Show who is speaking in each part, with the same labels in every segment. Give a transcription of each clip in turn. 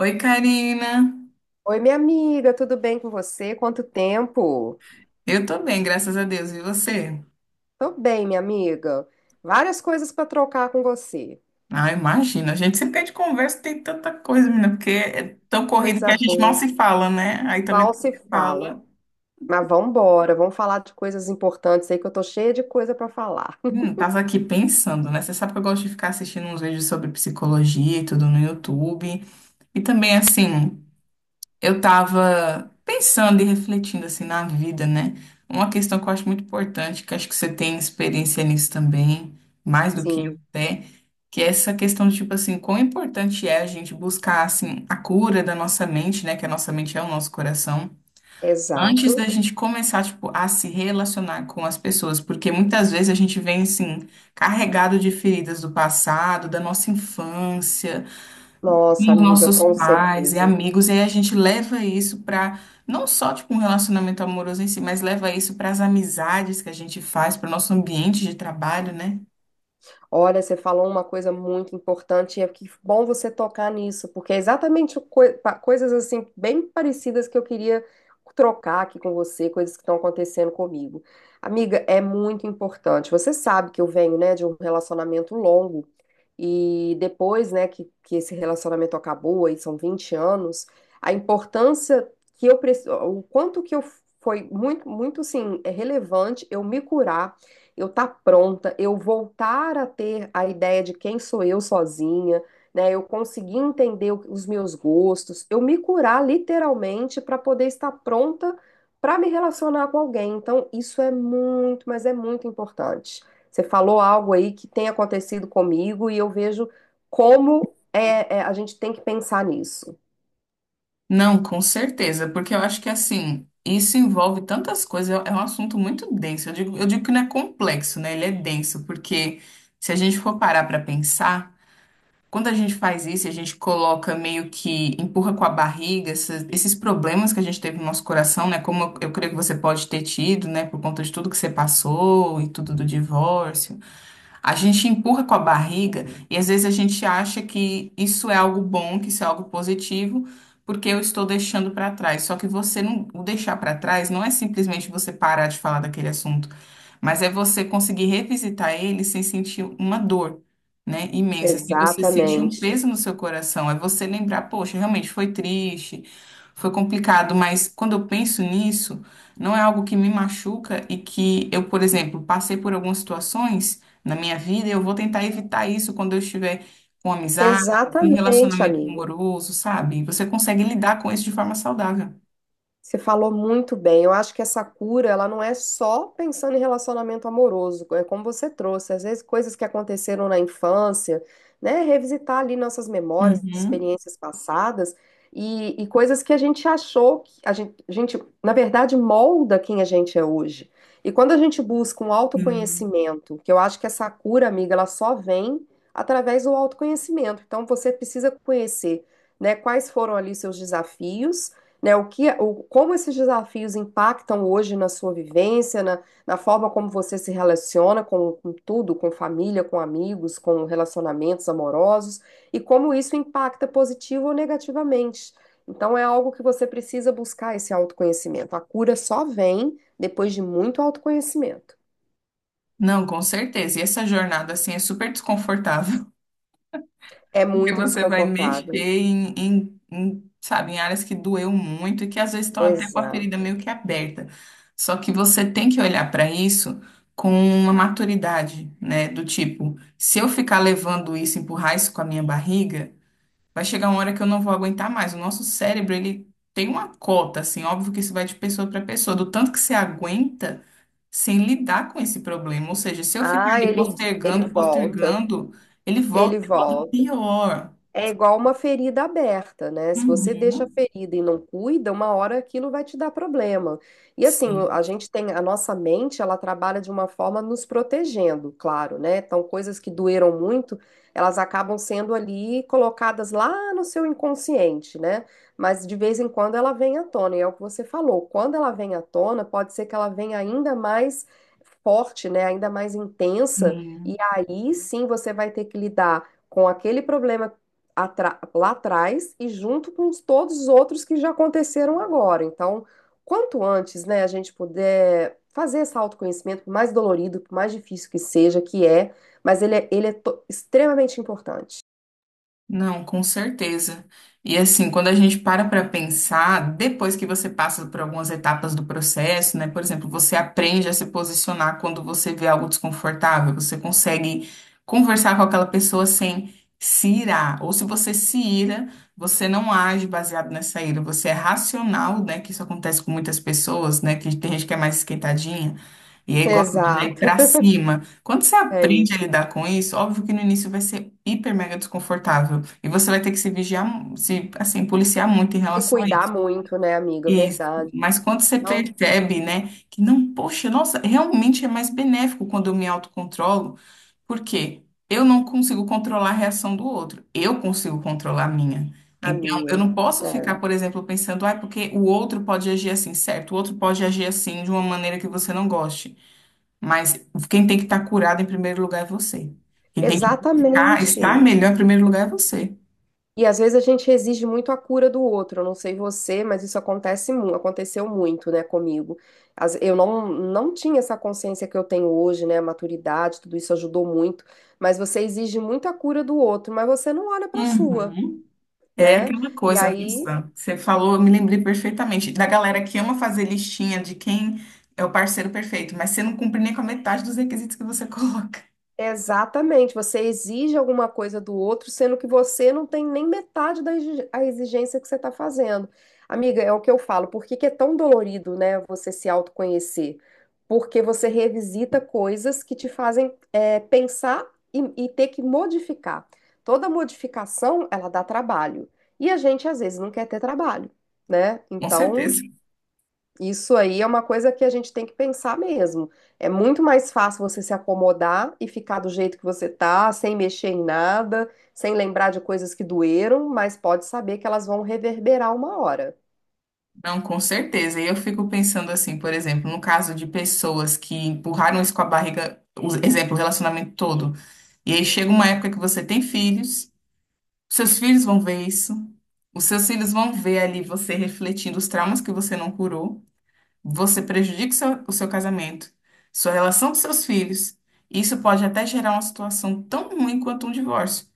Speaker 1: Oi, Karina.
Speaker 2: Oi, minha amiga, tudo bem com você? Quanto tempo?
Speaker 1: Eu tô bem, graças a Deus. E você?
Speaker 2: Tô bem, minha amiga. Várias coisas para trocar com você.
Speaker 1: Ah, imagina. A gente se perde conversa, tem tanta coisa, menina, porque é tão corrido que
Speaker 2: Coisa
Speaker 1: a gente mal
Speaker 2: boa.
Speaker 1: se fala, né? Aí também
Speaker 2: Mal
Speaker 1: quando
Speaker 2: se
Speaker 1: se
Speaker 2: fala.
Speaker 1: fala.
Speaker 2: Mas vamos embora, vamos falar de coisas importantes aí que eu tô cheia de coisa para falar.
Speaker 1: Tava aqui pensando, né? Você sabe que eu gosto de ficar assistindo uns vídeos sobre psicologia e tudo no YouTube. E também, assim. Eu tava pensando e refletindo assim na vida, né? Uma questão que eu acho muito importante, que eu acho que você tem experiência nisso também, mais do que eu
Speaker 2: Sim,
Speaker 1: até, que é essa questão de tipo assim, quão importante é a gente buscar assim a cura da nossa mente, né? Que a nossa mente é o nosso coração. Antes da
Speaker 2: exato.
Speaker 1: gente começar, tipo, a se relacionar com as pessoas, porque muitas vezes a gente vem, assim, carregado de feridas do passado, da nossa infância,
Speaker 2: Nossa,
Speaker 1: com
Speaker 2: amiga,
Speaker 1: nossos
Speaker 2: com
Speaker 1: pais e
Speaker 2: certeza.
Speaker 1: amigos, e aí a gente leva isso para não só tipo um relacionamento amoroso em si, mas leva isso para as amizades que a gente faz, para o nosso ambiente de trabalho, né?
Speaker 2: Olha, você falou uma coisa muito importante, e é que bom você tocar nisso, porque é exatamente o coisas assim bem parecidas que eu queria trocar aqui com você, coisas que estão acontecendo comigo. Amiga, é muito importante. Você sabe que eu venho, né, de um relacionamento longo. E depois, né, que esse relacionamento acabou, aí são 20 anos, a importância que eu preciso, o quanto que eu foi muito assim, é relevante eu me curar, eu estar pronta, eu voltar a ter a ideia de quem sou eu sozinha, né? Eu conseguir entender os meus gostos, eu me curar literalmente para poder estar pronta para me relacionar com alguém. Então, isso é muito, mas é muito importante. Você falou algo aí que tem acontecido comigo e eu vejo como a gente tem que pensar nisso.
Speaker 1: Não, com certeza, porque eu acho que assim, isso envolve tantas coisas, é um assunto muito denso. Eu digo que não é complexo, né? Ele é denso, porque se a gente for parar para pensar, quando a gente faz isso, a gente coloca meio que empurra com a barriga esses problemas que a gente teve no nosso coração, né? Como eu creio que você pode ter tido, né? Por conta de tudo que você passou e tudo do divórcio. A gente empurra com a barriga e às vezes a gente acha que isso é algo bom, que isso é algo positivo, porque eu estou deixando para trás. Só que você não, o deixar para trás não é simplesmente você parar de falar daquele assunto. Mas é você conseguir revisitar ele sem sentir uma dor, né, imensa, sem você sentir um
Speaker 2: Exatamente.
Speaker 1: peso no seu coração. É você lembrar, poxa, realmente foi triste, foi complicado, mas quando eu penso nisso, não é algo que me machuca e que eu, por exemplo, passei por algumas situações na minha vida e eu vou tentar evitar isso quando eu estiver com amizade, em
Speaker 2: Exatamente,
Speaker 1: relacionamento
Speaker 2: amigo.
Speaker 1: amoroso, sabe? Você consegue lidar com isso de forma saudável.
Speaker 2: Você falou muito bem. Eu acho que essa cura, ela não é só pensando em relacionamento amoroso, é como você trouxe, às vezes coisas que aconteceram na infância, né? Revisitar ali nossas memórias, experiências passadas e coisas que a gente achou que a gente na verdade, molda quem a gente é hoje. E quando a gente busca um
Speaker 1: Uhum.
Speaker 2: autoconhecimento, que eu acho que essa cura, amiga, ela só vem através do autoconhecimento. Então você precisa conhecer, né, quais foram ali seus desafios, né, como esses desafios impactam hoje na sua vivência, na forma como você se relaciona com tudo, com família, com amigos, com relacionamentos amorosos, e como isso impacta positivo ou negativamente. Então, é algo que você precisa buscar esse autoconhecimento. A cura só vem depois de muito autoconhecimento.
Speaker 1: Não, com certeza. E essa jornada, assim, é super desconfortável,
Speaker 2: É
Speaker 1: porque
Speaker 2: muito
Speaker 1: você vai mexer
Speaker 2: desconfortável.
Speaker 1: em, sabe, em áreas que doeu muito e que às vezes estão até com a ferida
Speaker 2: Exato.
Speaker 1: meio que aberta. Só que você tem que olhar para isso com uma maturidade, né? Do tipo, se eu ficar levando isso, empurrar isso com a minha barriga, vai chegar uma hora que eu não vou aguentar mais. O nosso cérebro, ele tem uma cota, assim, óbvio que isso vai de pessoa para pessoa, do tanto que você aguenta sem lidar com esse problema. Ou seja, se eu ficar
Speaker 2: Ah,
Speaker 1: ali
Speaker 2: ele
Speaker 1: postergando,
Speaker 2: volta.
Speaker 1: postergando, ele volta
Speaker 2: Ele
Speaker 1: e volta
Speaker 2: volta.
Speaker 1: pior.
Speaker 2: É igual uma ferida aberta, né? Se você deixa a
Speaker 1: Uhum.
Speaker 2: ferida e não cuida, uma hora aquilo vai te dar problema. E assim,
Speaker 1: Sim.
Speaker 2: a gente tem, a nossa mente, ela trabalha de uma forma nos protegendo, claro, né? Então, coisas que doeram muito, elas acabam sendo ali colocadas lá no seu inconsciente, né? Mas de vez em quando ela vem à tona, e é o que você falou. Quando ela vem à tona, pode ser que ela venha ainda mais forte, né? Ainda mais intensa, e
Speaker 1: Sim.
Speaker 2: aí sim você vai ter que lidar com aquele problema lá atrás e junto com todos os outros que já aconteceram agora. Então, quanto antes, né, a gente puder fazer esse autoconhecimento, por mais dolorido, por mais difícil que seja, que é, mas ele é extremamente importante.
Speaker 1: Não, com certeza. E assim, quando a gente para pensar, depois que você passa por algumas etapas do processo, né? Por exemplo, você aprende a se posicionar quando você vê algo desconfortável, você consegue conversar com aquela pessoa sem se irar. Ou se você se ira, você não age baseado nessa ira, você é racional, né? Que isso acontece com muitas pessoas, né? Que tem gente que é mais esquentadinha e aí gosta de ir
Speaker 2: Exato,
Speaker 1: pra cima. Quando você
Speaker 2: é
Speaker 1: aprende
Speaker 2: isso.
Speaker 1: a lidar com isso, óbvio que no início vai ser hiper mega desconfortável. E você vai ter que se vigiar, se, assim, policiar muito em
Speaker 2: Se
Speaker 1: relação a
Speaker 2: cuidar
Speaker 1: isso.
Speaker 2: muito, né, amiga?
Speaker 1: Isso.
Speaker 2: Verdade.
Speaker 1: Mas quando você
Speaker 2: Não
Speaker 1: percebe, né, que não, poxa, nossa, realmente é mais benéfico quando eu me autocontrolo, porque eu não consigo controlar a reação do outro, eu consigo controlar a minha.
Speaker 2: a
Speaker 1: Então, eu
Speaker 2: minha.
Speaker 1: não posso ficar,
Speaker 2: É.
Speaker 1: por exemplo, pensando, ah, porque o outro pode agir assim, certo? O outro pode agir assim de uma maneira que você não goste. Mas quem tem que estar curado em primeiro lugar é você. Quem tem que ficar, estar
Speaker 2: Exatamente.
Speaker 1: melhor em primeiro lugar é você.
Speaker 2: E às vezes a gente exige muito a cura do outro. Eu não sei você, mas isso acontece, aconteceu muito, né, comigo. Eu não tinha essa consciência que eu tenho hoje, né, a maturidade, tudo isso ajudou muito. Mas você exige muito a cura do outro, mas você não olha para a sua,
Speaker 1: Uhum. É
Speaker 2: né?
Speaker 1: aquela
Speaker 2: E
Speaker 1: coisa,
Speaker 2: aí
Speaker 1: Nissa. Você falou, eu me lembrei perfeitamente da galera que ama fazer listinha de quem é o parceiro perfeito, mas você não cumpre nem com a metade dos requisitos que você coloca.
Speaker 2: exatamente, você exige alguma coisa do outro, sendo que você não tem nem metade da a exigência que você está fazendo. Amiga, é o que eu falo, por que que é tão dolorido, né, você se autoconhecer? Porque você revisita coisas que te fazem pensar e, e ter que modificar. Toda modificação, ela dá trabalho. E a gente, às vezes, não quer ter trabalho, né?
Speaker 1: Com
Speaker 2: Então,
Speaker 1: certeza.
Speaker 2: isso aí é uma coisa que a gente tem que pensar mesmo. É muito mais fácil você se acomodar e ficar do jeito que você tá, sem mexer em nada, sem lembrar de coisas que doeram, mas pode saber que elas vão reverberar uma hora.
Speaker 1: Não, com certeza. E eu fico pensando assim, por exemplo, no caso de pessoas que empurraram isso com a barriga, o exemplo, o relacionamento todo. E aí chega uma época que você tem filhos. Seus filhos vão ver isso. Os seus filhos vão ver ali você refletindo os traumas que você não curou. Você prejudica o seu casamento, sua relação com seus filhos. Isso pode até gerar uma situação tão ruim quanto um divórcio.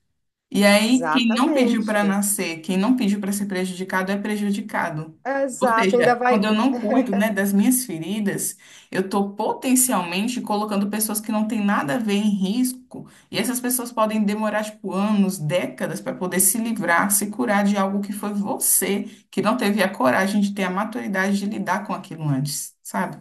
Speaker 1: E aí, quem não pediu
Speaker 2: Exatamente.
Speaker 1: para nascer, quem não pediu para ser prejudicado, é prejudicado.
Speaker 2: É,
Speaker 1: Ou
Speaker 2: exato, ainda
Speaker 1: seja, quando
Speaker 2: vai,
Speaker 1: eu não cuido, né, das minhas feridas, eu estou potencialmente colocando pessoas que não têm nada a ver em risco. E essas pessoas podem demorar, tipo, anos, décadas para poder se livrar, se curar de algo que foi você, que não teve a coragem de ter a maturidade de lidar com aquilo antes, sabe?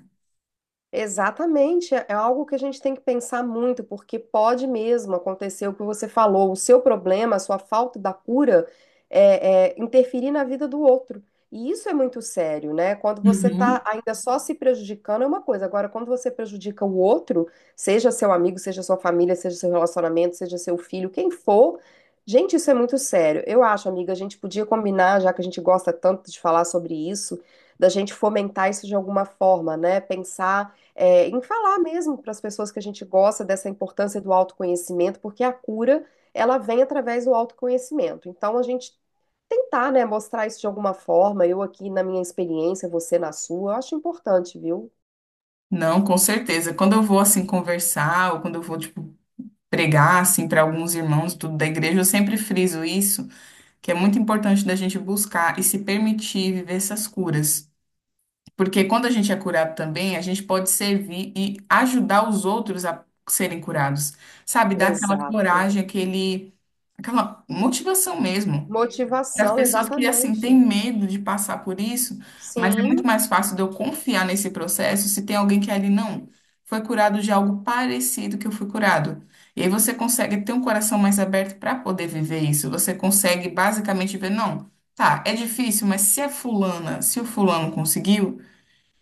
Speaker 2: exatamente, é algo que a gente tem que pensar muito, porque pode mesmo acontecer o que você falou, o seu problema, a sua falta da cura, interferir na vida do outro. E isso é muito sério, né? Quando você
Speaker 1: Uhum.
Speaker 2: está ainda só se prejudicando é uma coisa, agora quando você prejudica o outro, seja seu amigo, seja sua família, seja seu relacionamento, seja seu filho, quem for, gente, isso é muito sério. Eu acho, amiga, a gente podia combinar, já que a gente gosta tanto de falar sobre isso, da gente fomentar isso de alguma forma, né? Pensar em falar mesmo para as pessoas que a gente gosta dessa importância do autoconhecimento, porque a cura ela vem através do autoconhecimento. Então a gente tentar, né, mostrar isso de alguma forma, eu aqui na minha experiência, você na sua, eu acho importante, viu?
Speaker 1: Não, com certeza. Quando eu vou assim conversar, ou quando eu vou, tipo, pregar assim para alguns irmãos tudo da igreja, eu sempre friso isso, que é muito importante da gente buscar e se permitir viver essas curas. Porque quando a gente é curado também, a gente pode servir e ajudar os outros a serem curados. Sabe, dar aquela
Speaker 2: Exato.
Speaker 1: coragem, aquele aquela motivação mesmo para as
Speaker 2: Motivação,
Speaker 1: pessoas que, assim,
Speaker 2: exatamente.
Speaker 1: têm medo de passar por isso, mas é muito
Speaker 2: Sim,
Speaker 1: mais fácil de eu confiar nesse processo se tem alguém que é ali não foi curado de algo parecido que eu fui curado. E aí você consegue ter um coração mais aberto para poder viver isso. Você consegue basicamente ver, não, tá, é difícil, mas se a fulana, se o fulano conseguiu.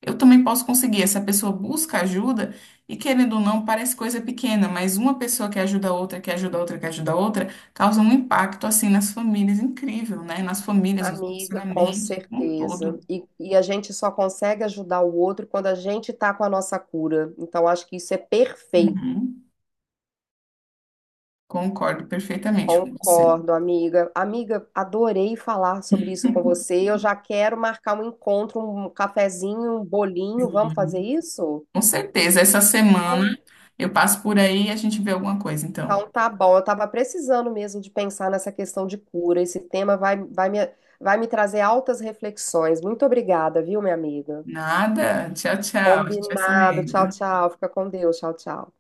Speaker 1: Eu também posso conseguir. Essa pessoa busca ajuda e, querendo ou não, parece coisa pequena, mas uma pessoa que ajuda a outra, que ajuda a outra, que ajuda a outra, causa um impacto assim nas famílias incrível, né? Nas famílias, nos
Speaker 2: amiga, com
Speaker 1: relacionamentos, como um
Speaker 2: certeza.
Speaker 1: todo.
Speaker 2: E a gente só consegue ajudar o outro quando a gente tá com a nossa cura. Então acho que isso é perfeito.
Speaker 1: Uhum. Concordo perfeitamente com você.
Speaker 2: Concordo, amiga. Amiga, adorei falar sobre isso com você. Eu já quero marcar um encontro, um cafezinho, um bolinho. Vamos fazer
Speaker 1: Uhum.
Speaker 2: isso?
Speaker 1: Com certeza. Essa semana eu passo por aí e a gente vê alguma coisa, então.
Speaker 2: Então tá bom. Eu estava precisando mesmo de pensar nessa questão de cura. Esse tema vai me trazer altas reflexões. Muito obrigada, viu, minha amiga?
Speaker 1: Nada. Tchau, tchau. A gente vai se
Speaker 2: Combinado. Tchau,
Speaker 1: vendo.
Speaker 2: tchau. Fica com Deus. Tchau, tchau.